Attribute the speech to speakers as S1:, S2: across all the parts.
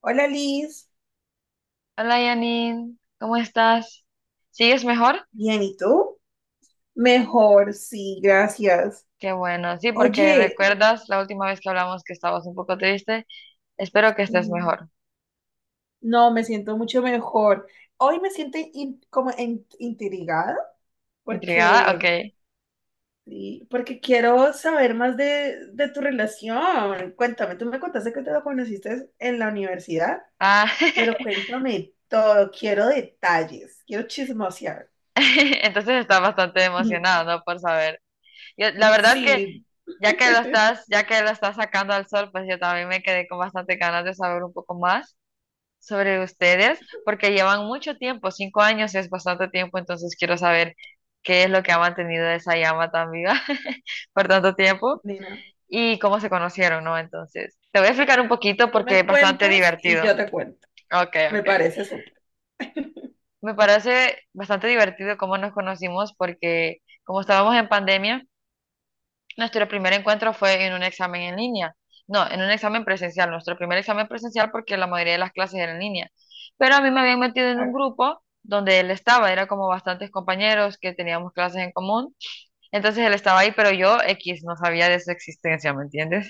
S1: Hola Liz,
S2: Hola Yanin, ¿cómo estás? ¿Sigues mejor?
S1: bien, ¿y tú? Mejor, sí, gracias.
S2: Qué bueno, sí, porque
S1: Oye,
S2: recuerdas la última vez que hablamos que estabas un poco triste. Espero que estés
S1: mm,
S2: mejor.
S1: no, me siento mucho mejor. Hoy me siento intrigada
S2: ¿Intrigada? Ok.
S1: porque, sí, porque quiero saber más de tu relación. Cuéntame, tú me contaste que te lo conociste en la universidad,
S2: Ah,
S1: pero cuéntame todo, quiero detalles, quiero chismosear.
S2: entonces estás bastante emocionado, ¿no? Por saber. Yo, la verdad que
S1: Sí,
S2: ya que lo estás sacando al sol, pues yo también me quedé con bastante ganas de saber un poco más sobre ustedes, porque llevan mucho tiempo, 5 años es bastante tiempo, entonces quiero saber qué es lo que ha mantenido esa llama tan viva por tanto tiempo
S1: Nina,
S2: y cómo se conocieron, ¿no? Entonces, te voy a explicar un poquito
S1: tú
S2: porque
S1: me
S2: es bastante
S1: cuentas y
S2: divertido.
S1: yo te cuento.
S2: Ok,
S1: Me
S2: ok.
S1: parece súper. Ah,
S2: Me parece bastante divertido cómo nos conocimos porque como estábamos en pandemia, nuestro primer encuentro fue en un examen en línea. No, en un examen presencial. Nuestro primer examen presencial porque la mayoría de las clases eran en línea. Pero a mí me habían metido en un grupo donde él estaba. Era como bastantes compañeros que teníamos clases en común. Entonces él estaba ahí, pero yo, X, no sabía de su existencia, ¿me entiendes?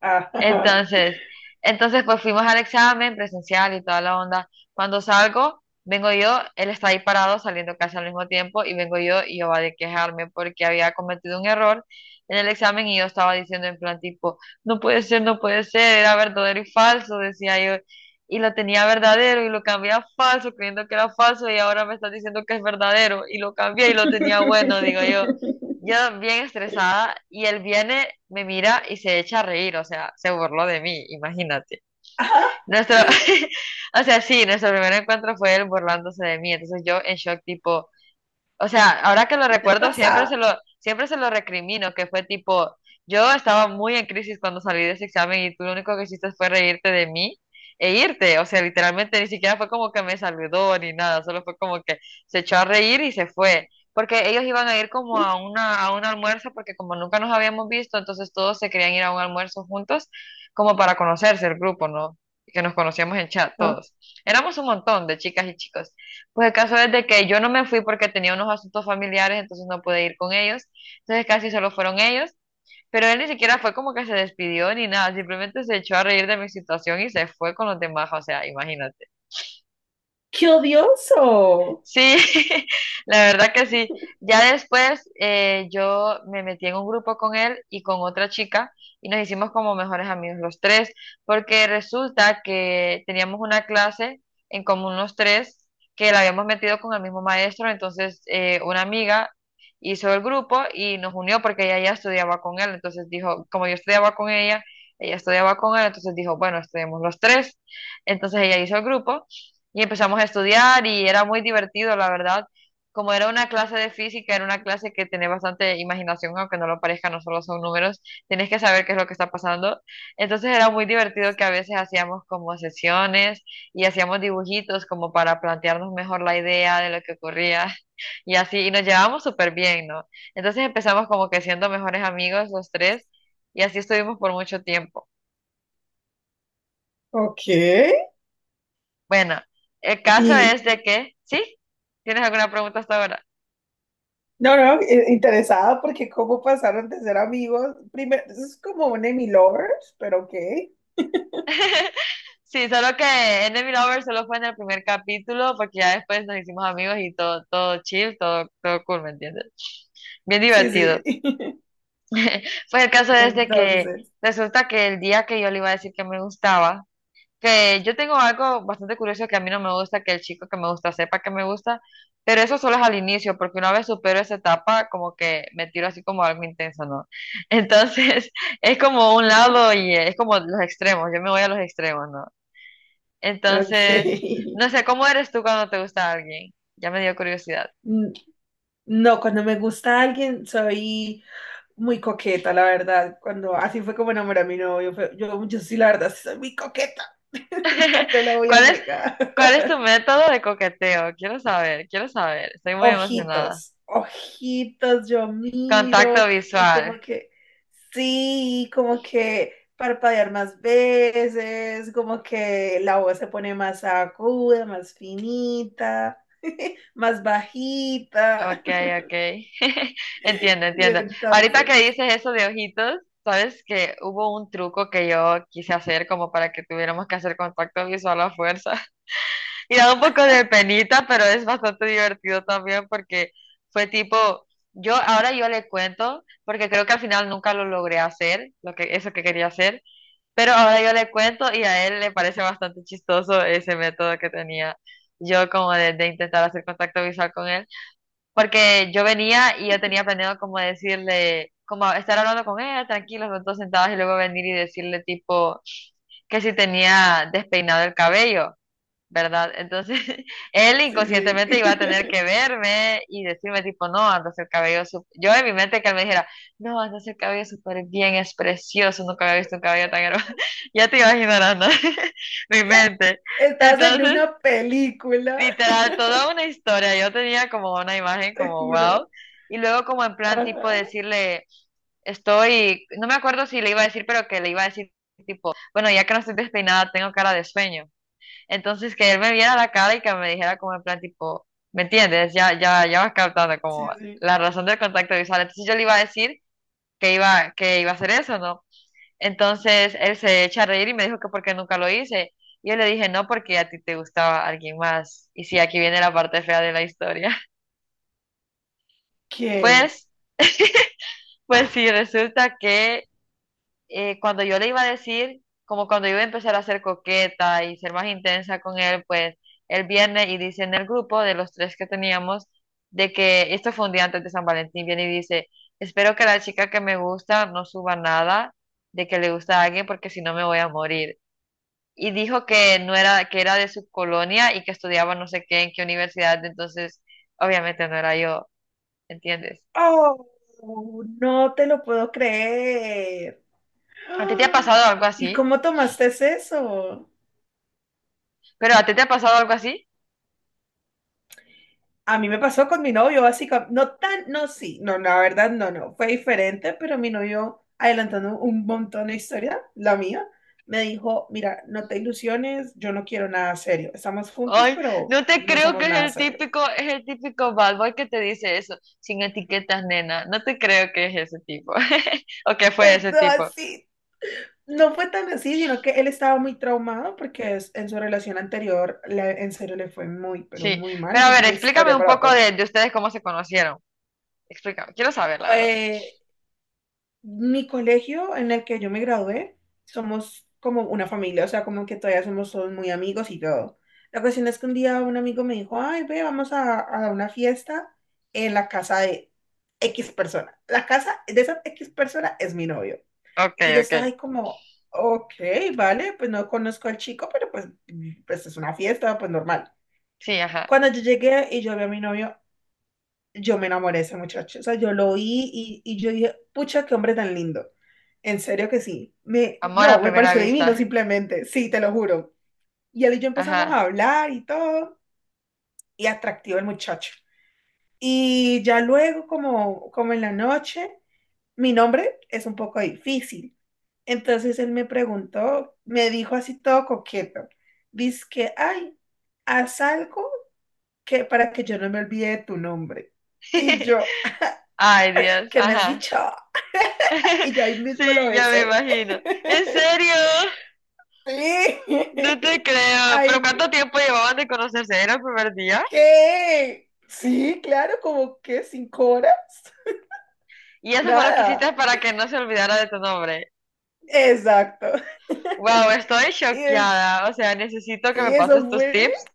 S1: ajá.
S2: Entonces, entonces pues fuimos al examen presencial y toda la onda. Cuando salgo, vengo yo, él está ahí parado saliendo casi al mismo tiempo y vengo yo y yo va de quejarme porque había cometido un error en el examen y yo estaba diciendo en plan tipo, no puede ser, no puede ser, era verdadero y falso, decía yo. Y lo tenía verdadero y lo cambié a falso creyendo que era falso y ahora me está diciendo que es verdadero y lo cambié y lo tenía bueno, digo yo. Yo bien estresada y él viene, me mira y se echa a reír, o sea, se burló de mí, imagínate.
S1: Ajá.
S2: Nuestro, o sea, sí, nuestro primer encuentro fue él burlándose de mí, entonces yo en shock tipo, o sea, ahora que lo
S1: ¿Qué te
S2: recuerdo,
S1: pasa?
S2: siempre se lo recrimino, que fue tipo, yo estaba muy en crisis cuando salí de ese examen y tú lo único que hiciste fue reírte de mí e irte. O sea, literalmente ni siquiera fue como que me saludó ni nada, solo fue como que se echó a reír y se fue. Porque ellos iban a ir como a una, a un almuerzo, porque como nunca nos habíamos visto, entonces todos se querían ir a un almuerzo juntos, como para conocerse el grupo, ¿no? Que nos conocíamos en chat todos. Éramos un montón de chicas y chicos. Pues el caso es de que yo no me fui porque tenía unos asuntos familiares, entonces no pude ir con ellos. Entonces casi solo fueron ellos, pero él ni siquiera fue como que se despidió ni nada, simplemente se echó a reír de mi situación y se fue con los demás, o sea, imagínate.
S1: ¡Qué odioso!
S2: Sí, la verdad que sí. Ya después yo me metí en un grupo con él y con otra chica y nos hicimos como mejores amigos los tres, porque resulta que teníamos una clase en común los tres que la habíamos metido con el mismo maestro, entonces una amiga hizo el grupo y nos unió porque ella ya estudiaba con él, entonces dijo, como yo estudiaba con ella, ella estudiaba con él, entonces dijo, bueno, estudiamos los tres, entonces ella hizo el grupo y empezamos a estudiar y era muy divertido, la verdad. Como era una clase de física, era una clase que tenía bastante imaginación, aunque no lo parezca, no solo son números, tienes que saber qué es lo que está pasando. Entonces era muy divertido que a veces hacíamos como sesiones y hacíamos dibujitos como para plantearnos mejor la idea de lo que ocurría y así, y nos llevábamos súper bien, ¿no? Entonces empezamos como que siendo mejores amigos los tres y así estuvimos por mucho tiempo.
S1: Ok.
S2: Bueno, el caso
S1: ¿Y,
S2: es de que, ¿sí? ¿Tienes alguna pregunta hasta ahora?
S1: no, interesada porque cómo pasaron de ser amigos. Primero, es como un Emmy lovers, pero ok.
S2: Sí, solo que Enemy Lover solo fue en el primer capítulo, porque ya después nos hicimos amigos y todo, todo chill, todo, todo cool, ¿me entiendes? Bien
S1: Sí,
S2: divertido.
S1: sí.
S2: Pues el caso es de que
S1: Entonces,
S2: resulta que el día que yo le iba a decir que me gustaba, que yo tengo algo bastante curioso que a mí no me gusta, que el chico que me gusta sepa que me gusta, pero eso solo es al inicio, porque una vez supero esa etapa, como que me tiro así como algo intenso, ¿no? Entonces, es como un lado y es como los extremos, yo me voy a los extremos, ¿no? Entonces,
S1: ok.
S2: no sé, ¿cómo eres tú cuando te gusta alguien? Ya me dio curiosidad.
S1: N- No, cuando me gusta alguien soy muy coqueta, la verdad. Cuando así fue como enamoré a mi novio, yo sí, la verdad, sí soy muy coqueta. No te lo voy a
S2: ¿Cuál es,
S1: negar.
S2: ¿cuál es tu método de coqueteo? Quiero saber, quiero saber. Estoy muy emocionada.
S1: Ojitos, ojitos, yo miro
S2: Contacto
S1: y
S2: visual.
S1: como que, sí, como que parpadear más veces, como que la voz se pone más aguda, más finita, más bajita.
S2: Ok, ok. Entiendo,
S1: Y
S2: entiendo. Ahorita que
S1: entonces,
S2: dices eso de ojitos, sabes que hubo un truco que yo quise hacer como para que tuviéramos que hacer contacto visual a fuerza. Y da un poco de penita, pero es bastante divertido también porque fue tipo, yo ahora yo le cuento, porque creo que al final nunca lo logré hacer, lo que, eso que quería hacer, pero ahora yo le cuento y a él le parece bastante chistoso ese método que tenía yo como de intentar hacer contacto visual con él, porque yo venía y yo tenía planeado como decirle, como estar hablando con él, tranquilos, los dos sentados y luego venir y decirle tipo que si tenía despeinado el cabello, ¿verdad? Entonces, él
S1: sí, sí.
S2: inconscientemente iba a tener que verme y decirme tipo, no, andas el cabello, sup-". Yo en mi mente que él me dijera, no, andas el cabello súper bien, es precioso, nunca había visto un cabello tan hermoso, ya te imaginarás, ¿no? Mi mente.
S1: Estás en
S2: Entonces,
S1: una película,
S2: literal, toda una historia, yo tenía como una imagen
S1: te
S2: como,
S1: juro.
S2: wow. Y luego como en plan tipo
S1: Ajá,
S2: decirle, estoy, no me acuerdo si le iba a decir, pero que le iba a decir tipo, bueno, ya que no estoy despeinada, tengo cara de sueño. Entonces, que él me viera la cara y que me dijera como en plan tipo, ¿me entiendes? Ya, ya, ya vas captando
S1: sí,
S2: como
S1: sí.
S2: la razón del contacto visual. Entonces yo le iba a decir que iba a hacer eso, ¿no? Entonces él se echa a reír y me dijo que porque nunca lo hice. Y yo le dije, no, porque a ti te gustaba alguien más. Y sí, aquí viene la parte fea de la historia.
S1: ¿Qué?
S2: Pues, pues sí, resulta que cuando yo le iba a decir, como cuando yo iba a empezar a ser coqueta y ser más intensa con él, pues él viene y dice en el grupo de los tres que teníamos, de que esto fue un día antes de San Valentín, viene y dice, espero que la chica que me gusta no suba nada de que le gusta a alguien porque si no me voy a morir. Y dijo que no era, que era de su colonia y que estudiaba no sé qué, en qué universidad, entonces obviamente no era yo, ¿entiendes?
S1: Oh, no te lo puedo creer.
S2: ¿A ti te ha
S1: ¡Ah!
S2: pasado algo así?
S1: ¿Y cómo tomaste eso?
S2: ¿Pero a ti te ha pasado algo así?
S1: A mí me pasó con mi novio, básicamente. No tan, no, sí, no, la verdad, no, no. Fue diferente, pero mi novio, adelantando un montón de historia, la mía, me dijo: mira, no te ilusiones, yo no quiero nada serio. Estamos juntos,
S2: Ay,
S1: pero
S2: no te
S1: no
S2: creo que
S1: somos nada serio.
S2: es el típico bad boy que te dice eso, sin etiquetas, nena. No te creo que es ese tipo. O que fue
S1: Pues
S2: ese
S1: no,
S2: tipo.
S1: así. No fue tan así, sino que él estaba muy traumado porque en su relación anterior, en serio, le fue muy, pero
S2: Sí.
S1: muy mal.
S2: Pero a
S1: Esa es
S2: ver,
S1: una
S2: explícame
S1: historia
S2: un
S1: para
S2: poco
S1: otro.
S2: de ustedes cómo se conocieron. Explícame. Quiero saber, la verdad.
S1: Eh, Mi colegio en el que yo me gradué, somos como una familia, o sea, como que todavía somos todos muy amigos y todo. La cuestión es que un día un amigo me dijo, ay, ve, vamos a una fiesta en la casa de X persona. La casa de esa X persona es mi novio.
S2: Ok,
S1: Y yo
S2: ok.
S1: estaba ahí como, ok, vale, pues no conozco al chico, pero pues, pues es una fiesta, pues normal.
S2: Sí, ajá.
S1: Cuando yo llegué y yo vi a mi novio, yo me enamoré de ese muchacho. O sea, yo lo vi y yo dije, pucha, qué hombre tan lindo. En serio que sí. Me,
S2: Amor
S1: no,
S2: a
S1: me
S2: primera
S1: pareció divino
S2: vista.
S1: simplemente. Sí, te lo juro. Y él y yo empezamos
S2: Ajá.
S1: a hablar y todo. Y atractivo el muchacho. Y ya luego, como en la noche, mi nombre es un poco difícil. Entonces él me preguntó, me dijo así todo coqueto. Dice que, ay, haz algo que para que yo no me olvide de tu nombre. Y yo,
S2: Ay, Dios.
S1: ¿qué me has
S2: Ajá.
S1: dicho? Y yo ahí mismo lo
S2: Sí, ya me
S1: besé.
S2: imagino. ¿En serio? No te
S1: Sí.
S2: creo.
S1: Ay,
S2: ¿Pero cuánto tiempo llevaban de conocerse? ¿Era el primer día?
S1: ¿qué? Sí, claro, como que 5 horas.
S2: Y eso fue lo que
S1: Nada.
S2: hiciste para que no se olvidara de tu nombre.
S1: Exacto.
S2: Wow, estoy
S1: Y es-
S2: choqueada. O sea, necesito que
S1: sí,
S2: me pases tus tips.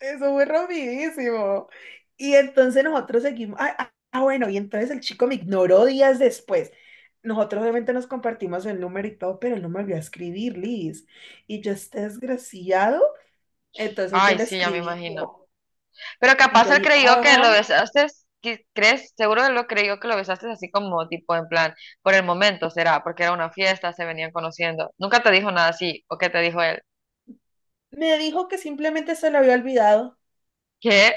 S1: eso fue rompidísimo. Y entonces nosotros seguimos. Ah, ah, ah, bueno, y entonces el chico me ignoró días después. Nosotros obviamente nos compartimos el número y todo, pero él no me volvió a escribir, Liz. Y yo, este desgraciado. Entonces yo
S2: Ay,
S1: le
S2: sí, ya me
S1: escribí,
S2: imagino. Pero capaz
S1: yo,
S2: él
S1: y,
S2: creyó que lo
S1: ajá,
S2: besaste, que- ¿crees? Seguro él lo creyó que lo besaste así como tipo en plan, por el momento será, porque era una fiesta, se venían conociendo. Nunca te dijo nada así, ¿o qué te dijo él?
S1: me dijo que simplemente se lo había olvidado.
S2: ¿Qué?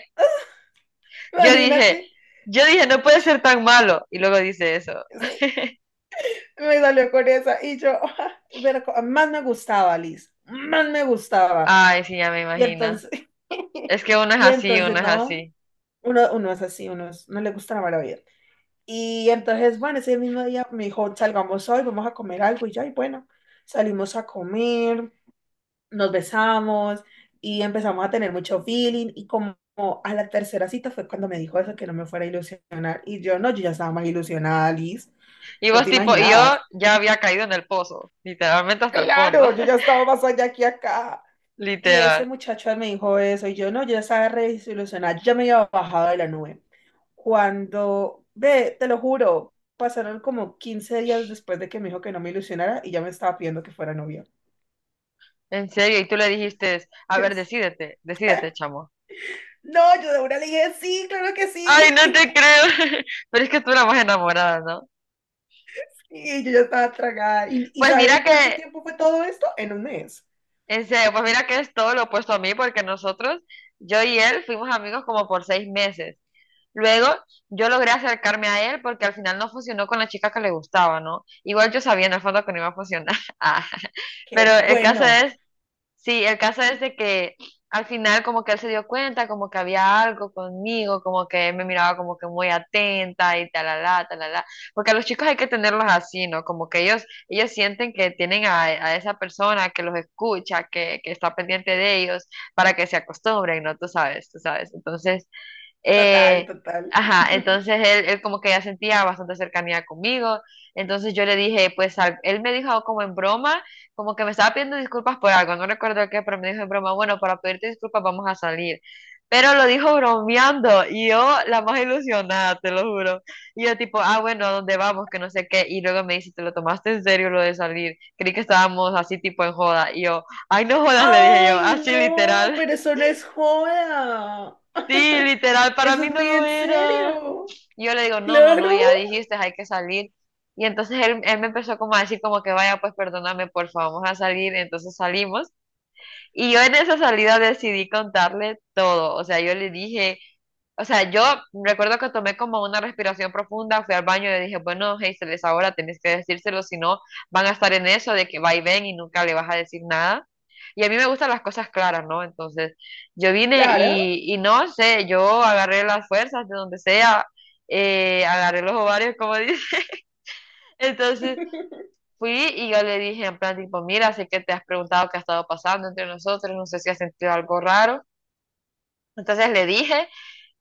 S2: Yo dije,
S1: Imagínate.
S2: yo dije, no puede ser tan malo. Y luego dice eso.
S1: Sí, me salió con esa y yo, pero más me gustaba, Liz, más me gustaba.
S2: Ay, sí, ya me
S1: Y
S2: imagino.
S1: entonces,
S2: Es que uno es
S1: y
S2: así,
S1: entonces
S2: uno es
S1: no,
S2: así.
S1: uno es así, uno es- no le gusta la mala vida. Y entonces, bueno, ese mismo día me dijo, salgamos hoy, vamos a comer algo. Y yo, ay, bueno, salimos a comer. Nos besamos y empezamos a tener mucho feeling y como a la tercera cita fue cuando me dijo eso, que no me fuera a ilusionar y yo no, yo ya estaba más ilusionada, Liz,
S2: Y
S1: no
S2: vos
S1: te
S2: tipo, y yo
S1: imaginabas.
S2: ya había caído en el pozo, literalmente hasta el fondo,
S1: Claro, yo ya estaba más allá que acá. Y ese
S2: literal.
S1: muchacho él me dijo eso y yo no, yo ya estaba re desilusionada, yo ya me había bajado de la nube. Cuando, ve, te lo juro, pasaron como 15 días después de que me dijo que no me ilusionara y ya me estaba pidiendo que fuera novia.
S2: En serio, y tú le dijiste, a ver, decídete, decídete, chamo.
S1: No, yo de una le dije, sí, claro que
S2: Ay,
S1: sí.
S2: no te creo. Pero es que tú eras más enamorada, ¿no?
S1: Y yo ya estaba tragada. Y
S2: Pues
S1: sabes en
S2: mira
S1: cuánto
S2: que,
S1: tiempo fue todo esto? En un mes.
S2: en serio, pues mira que es todo lo opuesto a mí, porque nosotros, yo y él, fuimos amigos como por 6 meses. Luego, yo logré acercarme a él porque al final no funcionó con la chica que le gustaba, ¿no? Igual yo sabía en el fondo que no iba a funcionar. Ah,
S1: Qué
S2: pero el caso
S1: bueno.
S2: es... Sí, el caso es de que al final como que él se dio cuenta, como que había algo conmigo, como que él me miraba como que muy atenta y talala, talala. Porque a los chicos hay que tenerlos así, ¿no? Como que ellos sienten que tienen a esa persona que los escucha, que está pendiente de ellos, para que se acostumbren, ¿no? Tú sabes, tú sabes. Entonces,
S1: Total,
S2: eh,
S1: total.
S2: ajá, entonces él como que ya sentía bastante cercanía conmigo. Entonces yo le dije, pues él me dijo como en broma, como que me estaba pidiendo disculpas por algo, no recuerdo qué, pero me dijo en broma: bueno, para pedirte disculpas vamos a salir. Pero lo dijo bromeando y yo la más ilusionada, te lo juro. Y yo tipo, ah, bueno, ¿a dónde vamos? Que no sé qué. Y luego me dice, ¿te lo tomaste en serio lo de salir? Creí que estábamos así tipo en joda. Y yo, ay, no jodas, le dije yo,
S1: Ay,
S2: así
S1: no,
S2: literal.
S1: pero eso no es joda.
S2: Sí, literal, para
S1: Eso es
S2: mí no
S1: muy
S2: lo
S1: en
S2: era.
S1: serio.
S2: Yo le digo, no, no,
S1: Claro,
S2: no, ya dijiste, hay que salir. Y entonces él me empezó como a decir como que vaya, pues perdóname, porfa, vamos a salir. Entonces salimos. Y yo en esa salida decidí contarle todo. O sea, yo le dije... o sea, yo recuerdo que tomé como una respiración profunda, fui al baño y le dije, bueno, Hazel, es ahora, tenés que decírselo, si no, van a estar en eso de que va y ven y nunca le vas a decir nada. Y a mí me gustan las cosas claras, ¿no? Entonces, yo vine
S1: claro.
S2: y no sé, yo agarré las fuerzas de donde sea, agarré los ovarios, como dice. Entonces, fui y yo le dije en plan, tipo, mira, sé que te has preguntado qué ha estado pasando entre nosotros, no sé si has sentido algo raro. Entonces le dije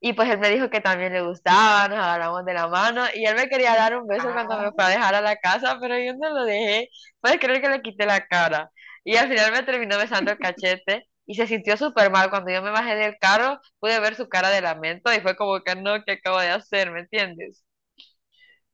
S2: y pues él me dijo que también le gustaba, nos agarramos de la mano y él me quería dar un beso cuando
S1: Ah,
S2: me fue a dejar a la casa, pero yo no lo dejé. Puedes creer que le quité la cara. Y al final me terminó besando el cachete y se sintió súper mal. Cuando yo me bajé del carro, pude ver su cara de lamento y fue como que no, ¿qué acabo de hacer? ¿Me entiendes?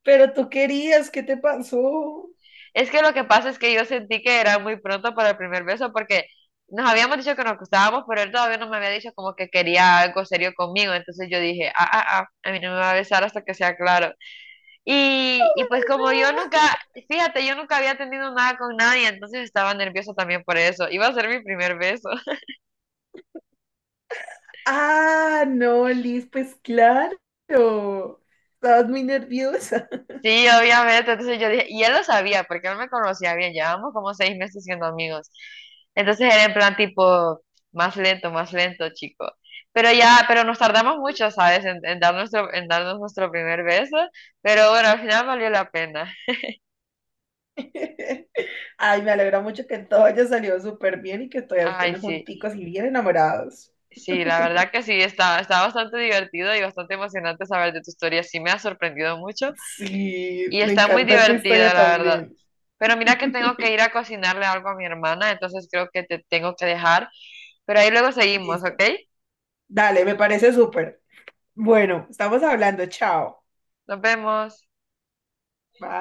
S1: pero tú querías, ¿qué te pasó?
S2: Es que lo que pasa es que yo sentí que era muy pronto para el primer beso, porque nos habíamos dicho que nos gustábamos, pero él todavía no me había dicho como que quería algo serio conmigo. Entonces yo dije, ah, ah, ah, a mí no me va a besar hasta que sea claro. Y pues como yo nunca, fíjate, yo nunca había tenido nada con nadie, entonces estaba nerviosa también por eso. Iba a ser mi primer beso.
S1: Ah, no, Liz, pues claro. Estabas muy nerviosa.
S2: Sí, obviamente. Entonces yo dije, y él lo sabía, porque él me conocía bien, llevábamos como 6 meses siendo amigos. Entonces era en plan tipo, más lento, chico. Pero ya, pero nos tardamos mucho, ¿sabes? En dar nuestro, en darnos nuestro primer beso. Pero bueno, al final valió la pena.
S1: Ay, me alegra mucho que todo haya salido súper bien y que todavía
S2: Ay,
S1: estén
S2: sí.
S1: junticos y bien enamorados.
S2: Sí, la verdad que sí, está, está bastante divertido y bastante emocionante saber de tu historia. Sí, me ha sorprendido mucho
S1: Sí,
S2: y
S1: me
S2: está muy
S1: encanta tu
S2: divertido,
S1: historia
S2: la verdad.
S1: también.
S2: Pero mira que tengo que ir a cocinarle algo a mi hermana, entonces creo que te tengo que dejar. Pero ahí luego seguimos, ¿ok?
S1: Listo. Dale, me parece súper. Bueno, estamos hablando. Chao.
S2: Nos vemos.
S1: Bye.